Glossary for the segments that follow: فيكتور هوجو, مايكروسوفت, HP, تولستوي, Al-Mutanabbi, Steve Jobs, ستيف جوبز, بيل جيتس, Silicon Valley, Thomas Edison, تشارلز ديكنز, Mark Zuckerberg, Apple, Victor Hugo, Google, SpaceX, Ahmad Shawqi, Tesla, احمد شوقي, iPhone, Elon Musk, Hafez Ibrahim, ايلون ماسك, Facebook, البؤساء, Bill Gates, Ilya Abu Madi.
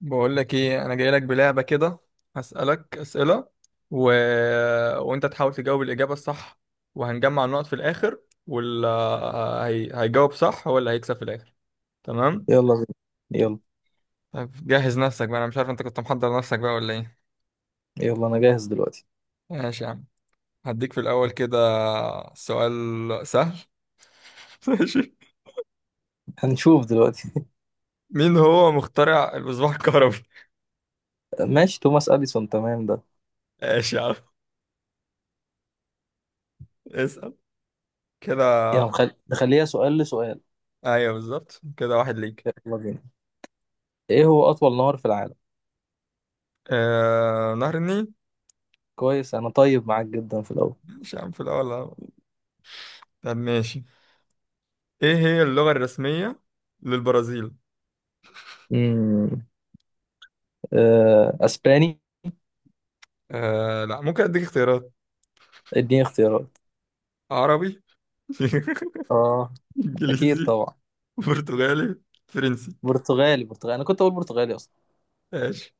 بقول لك ايه، انا جاي لك بلعبه كده. هسالك اسئله و... وانت تحاول تجاوب الاجابه الصح. وهنجمع النقط في الاخر. واللي هيجاوب صح هو اللي هيكسب في الاخر، تمام؟ يلا بينا، يلا طب جهز نفسك بقى، انا مش عارف انت كنت محضر نفسك بقى ولا ايه. يلا انا جاهز دلوقتي. ماشي يا عم. هديك في الاول كده سؤال سهل. ماشي. هنشوف دلوقتي. مين هو مخترع المصباح الكهربي؟ ماشي، توماس اديسون، تمام ده. ماشي يا عم، اسال كده. يلا نخليها سؤال لسؤال. ايوه بالظبط كده، واحد ليك. يلا بينا. ايه هو اطول نهر في العالم؟ نهر النيل. كويس، انا طيب معاك جدا في الاول. مش يا عم في الأول. طب ماشي، ايه هي اللغة الرسمية للبرازيل؟ امم آه، اسباني. آه لا، ممكن اديك اختيارات. اديني اختيارات. عربي اه. اكيد انجليزي، طبعا. برتغالي، فرنسي. برتغالي، برتغالي، انا كنت اقول برتغالي اصلا. ماشي.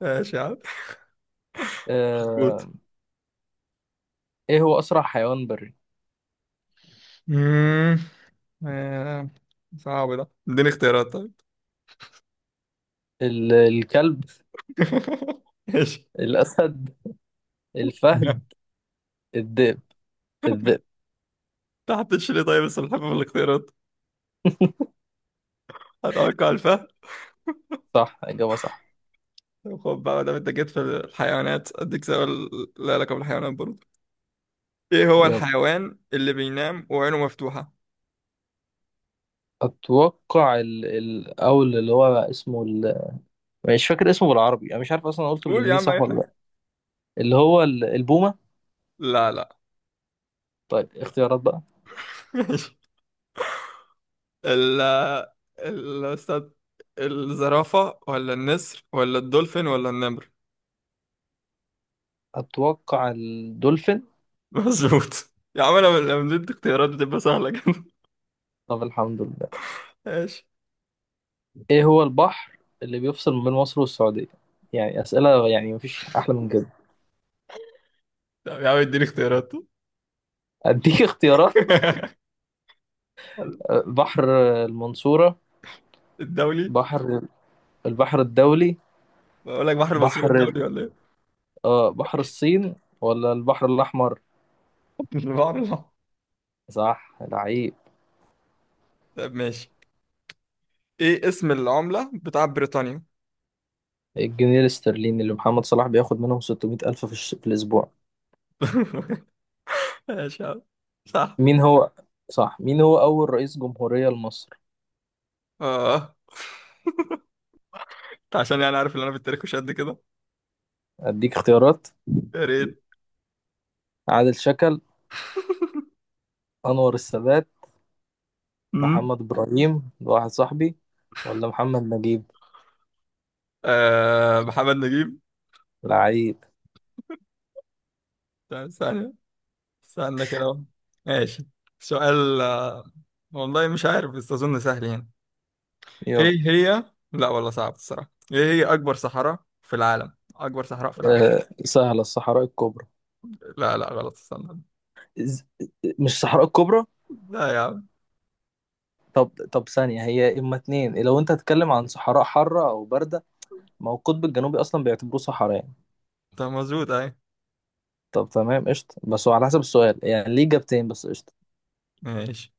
ماشي يا عم، آه، مظبوط. ايه هو اسرع حيوان بري؟ مم، آه، صعب ده، اديني اختيارات طيب. الكلب، ماشي. الاسد، الفهد، الذئب، الذئب. تحت ليه طيب السلحفاة في الاختيارات، هتوقع الفهد. صح، اجابه صح. طب خد بقى، ده انت جيت في الحيوانات اديك سؤال لا علاقة بالحيوانات برضه. ايه هو يلا. الحيوان اللي بينام وعينه مفتوحة؟ اتوقع الاول اللي هو اسمه مش فاكر اسمه بالعربي، انا مش عارف اصلا قلته قول يا بالانجليزي عم اي صح ولا حاجة. لا. اللي هو البومه. لا لا. طيب اختيارات بقى. ماشي، ال ال استاذ الزرافة ولا النسر ولا الدولفين ولا النمر؟ اتوقع الدولفين. مظبوط يا عم، انا لما بدي اختيارات بتبقى سهلة كده. طب الحمد لله. ماشي. ايه هو البحر اللي بيفصل ما بين مصر والسعوديه؟ يعني اسئله، يعني مفيش احلى من كده. طب يا عم اديني اختيارات. اديك اختيارات. بحر المنصوره، الدولي. بحر البحر الدولي، بقول لك بحر المنصورة بحر ال- الدولي ولا ايه؟ اه بحر الصين، ولا البحر الاحمر. البحر الأحمر. صح العيب. طب ماشي، ايه اسم العملة بتاع بريطانيا؟ الجنيه الاسترليني اللي محمد صلاح بياخد منهم 600 ألف في الأسبوع. ماشي يا عم، صح. مين هو صح مين هو أول رئيس جمهورية لمصر؟ اه، أنت عشان يعني عارف ان انا في التاريخ مش قد كده. أديك اختيارات. يا ريت. عادل شكل، أنور السادات، أمم. محمد إبراهيم ده واحد صاحبي، ولا محمد نجيب. آه محمد نجيب. لعيب. ثانية، استنى كده اهو. ماشي. سؤال. والله مش عارف بس اظن سهل يعني. يلا. ايه هي لا والله صعب الصراحة، ايه هي اكبر صحراء في العالم، اكبر صحراء في العالم؟ أه سهلة، الصحراء الكبرى. لا لا غلط، استنى. إز- مش الصحراء الكبرى؟ لا يا عم. طب ثانية، هي إما اتنين لو أنت هتتكلم عن صحراء حارة أو باردة. ما هو القطب الجنوبي أصلا بيعتبروه صحراء يعني. طب مظبوط اهي. طب تمام، قشطة، بس هو على حسب السؤال، يعني ليه إجابتين، بس قشطة. ماشي.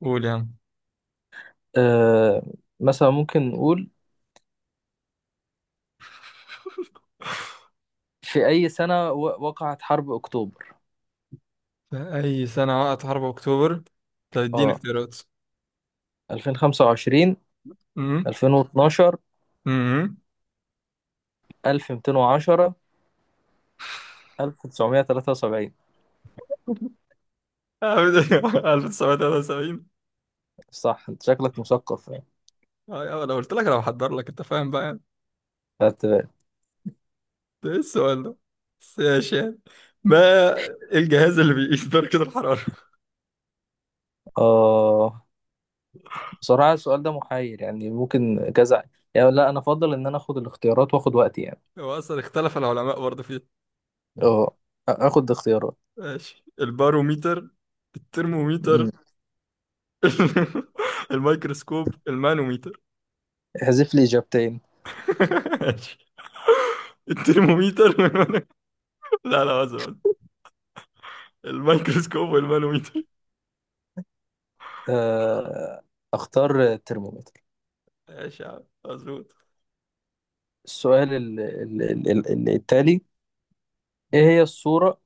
قول يا عم. آه، مثلا ممكن نقول، في أي سنة وقعت حرب أكتوبر؟ في اي سنة وقعت حرب اكتوبر؟ طب اديني اه، اختيارات. 2025، امم. 2012، امم. 1210، 1973. 1973. صح، انت شكلك مثقف يعني. اه يا عم، انا قلت لك انا بحضر لك، انت فاهم بقى. فت- ده ايه السؤال ده؟ بس ماشي يعني. ما الجهاز اللي بيقيس درجة الحرارة؟ اه، بصراحة السؤال ده محير، يعني ممكن كذا يعني. لا انا افضل ان انا اخد الاختيارات واخد وقتي يعني. هو أصلا اختلف العلماء برضه فيه. اه، اخد اختيارات. ماشي، الباروميتر، الترموميتر، مم. الميكروسكوب، المانوميتر. احذف لي اجابتين. ماشي. الترموميتر والمانو- لا لا، أزرق الميكروسكوب والمانوميتر. آه، اختار ترمومتر. ماشي يا عم، مظبوط. السؤال التالي. ايه هي الصورة؟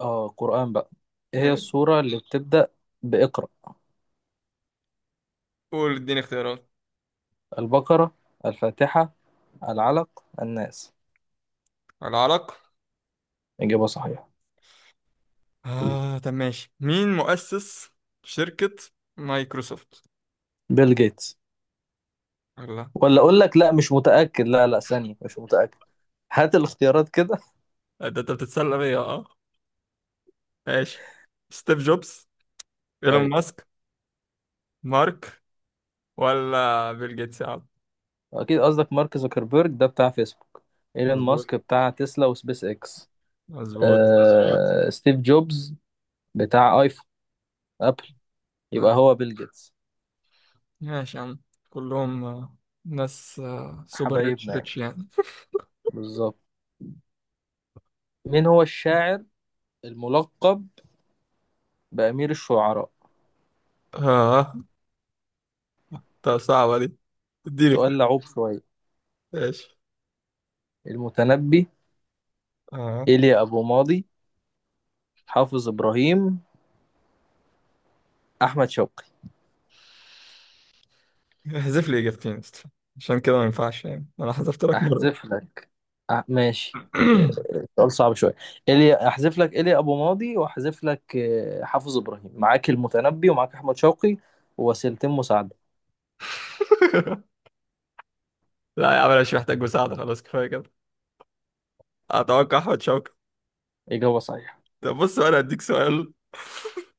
اه قرآن بقى. ايه هي ماشي. السورة اللي بتبدأ بإقرأ؟ قول اديني اختيارات. البقرة، الفاتحة، العلق، الناس. العرق. إجابة صحيحة. آه طب ماشي، مين مؤسس شركة مايكروسوفت؟ بيل جيتس. الله. ولا أقول لك، لا مش متأكد، لا ثانية، مش متأكد. هات الاختيارات كده. ده انت بتتسلى بيا، اه؟ ماشي، ستيف جوبز، ايلون أيوة. ماسك، مارك، ولا بيل جيتس يا عم. أكيد قصدك مارك زوكربيرج ده بتاع فيسبوك، إيلون مظبوط ماسك بتاع تسلا وسبيس إكس. مظبوط آه... ستيف جوبز بتاع آيفون، أبل. يبقى مظبوط. هو بيل جيتس. ماشي يا عم، كلهم ناس سوبر ريتش حبايبنا يعني. ريتش يعني. بالظبط. مين هو الشاعر الملقب بأمير الشعراء؟ اه، طب صعبة دي، اديني سؤال اختيار. لعوب شوية. ماشي. المتنبي، اه، إيليا أبو ماضي، حافظ إبراهيم، أحمد شوقي. احذف لي اجابتين أصلاً. عشان كده ما ينفعش يعني، انا حذفت لك مرة. أحذف لك. ماشي. آه، سؤال صعب شوية. إيليا، أحذف لك إيليا أبو ماضي، وأحذف لك آه، حافظ إبراهيم. معاك المتنبي ومعاك أحمد شوقي، ووسيلتين مساعدة. لا يا عم، انا مش محتاج مساعدة، خلاص كفاية كده. اتوقع احمد شوقي. إجابة صحيحة. طب بص، انا هديك سؤال.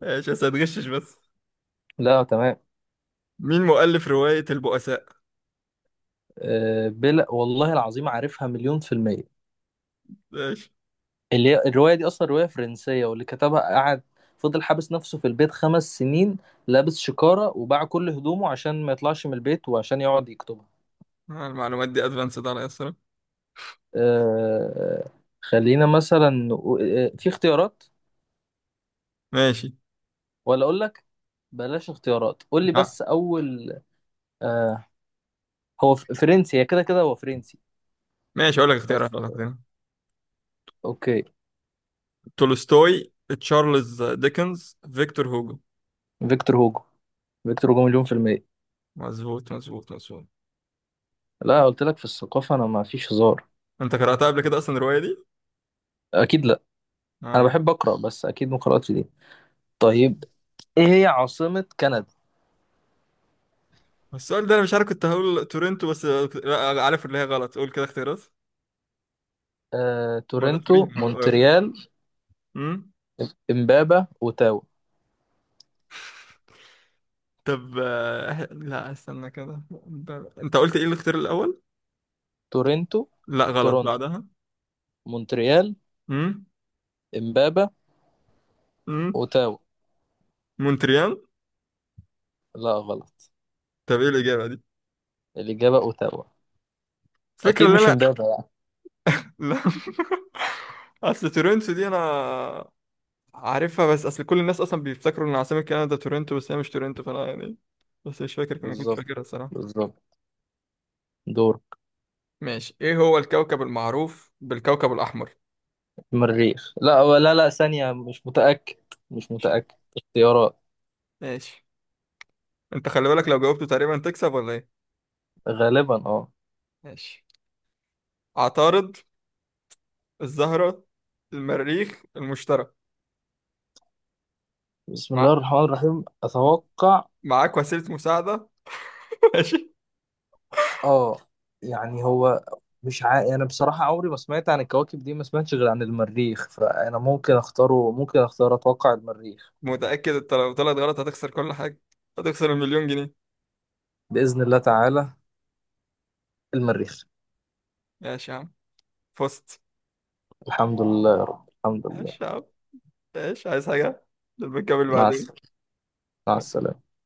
ماشي بس هتغشش بس. لا تمام. مين مؤلف رواية البؤساء؟ آه، بلا والله العظيم، عارفها مليون في المية. ماشي. اللي هي الرواية دي أصلا رواية فرنسية، واللي كتبها قعد، فضل حابس نفسه في البيت 5 سنين، لابس شكارة وباع كل هدومه عشان ما يطلعش من البيت وعشان يقعد يكتبها. المعلومات دي ادفانسد على الصراحة. أه، خلينا مثلا آه، في اختيارات؟ ماشي. ولا أقول لك، بلاش اختيارات، قول لي آه، بس أول. أه، هو فرنسي، هي كده كده هو فرنسي. ماشي، اقول لك بس اختيارات، اقول لك اختيارات. أوكي. تولستوي، تشارلز ديكنز، فيكتور هوجو. فيكتور هوجو، فيكتور هوجو مليون في المية. مظبوط مظبوط مظبوط. لا قلت لك في الثقافة أنا ما فيش هزار. انت قرأتها قبل كده اصلا الرواية دي؟ أكيد لا. أنا اه. بحب أقرأ، بس أكيد ما قرأتش دي. طيب، ايه هي عاصمة كندا؟ بس السؤال ده انا مش عارف، كنت هقول تورنتو بس لا عارف اللي هي غلط، قول كده اختيارات. آه، ولا تورنتو، تورين ولا مونتريال، امم. امبابة، اوتاوا. طب لا استنى كده. انت قلت ايه الاختيار الاول؟ تورنتو، لا غلط تورنتو، بعدها. مونتريال، امم. امبابة، امم. اوتاوا. مونتريال. لا غلط. طب ايه الاجابة دي؟ الإجابة اوتاوا. الفكرة أكيد اللي مش انا. امبابة يعني. لا. اصل تورنتو دي انا عارفها، بس اصل كل الناس اصلا بيفتكروا ان عاصمة كندا تورنتو، بس هي مش تورنتو فانا يعني. بس مش فاكر، ما كنتش بالظبط، فاكرها الصراحة. بالظبط. دورك. ماشي، ايه هو الكوكب المعروف بالكوكب الاحمر؟ مريخ، لا لا، ثانية، مش متأكد، مش متأكد. اختيارات. ماشي. انت خلي بالك، لو جاوبته تقريبا تكسب ولا ايه. غالبا اه. ماشي. عطارد، الزهرة، المريخ، المشتري. بسم مع... الله الرحمن الرحيم، أتوقع. معاك وسيلة مساعدة. ماشي. اه، يعني هو مش عا... انا بصراحة عمري ما سمعت عن الكواكب دي، ما سمعتش غير عن المريخ، فانا ممكن اختاره، ممكن اختار، اتوقع المريخ. متأكد انت؟ لو طلعت غلط هتخسر كل حاجة، هتخسر المليون جنيه. بإذن الله تعالى، المريخ. ماشي يا عم، فزت. الحمد لله يا رب، الحمد لله. ماشي يا عم. ماشي، عايز حاجة لما نكمل مع بعدين. السلامة، مع السلامة.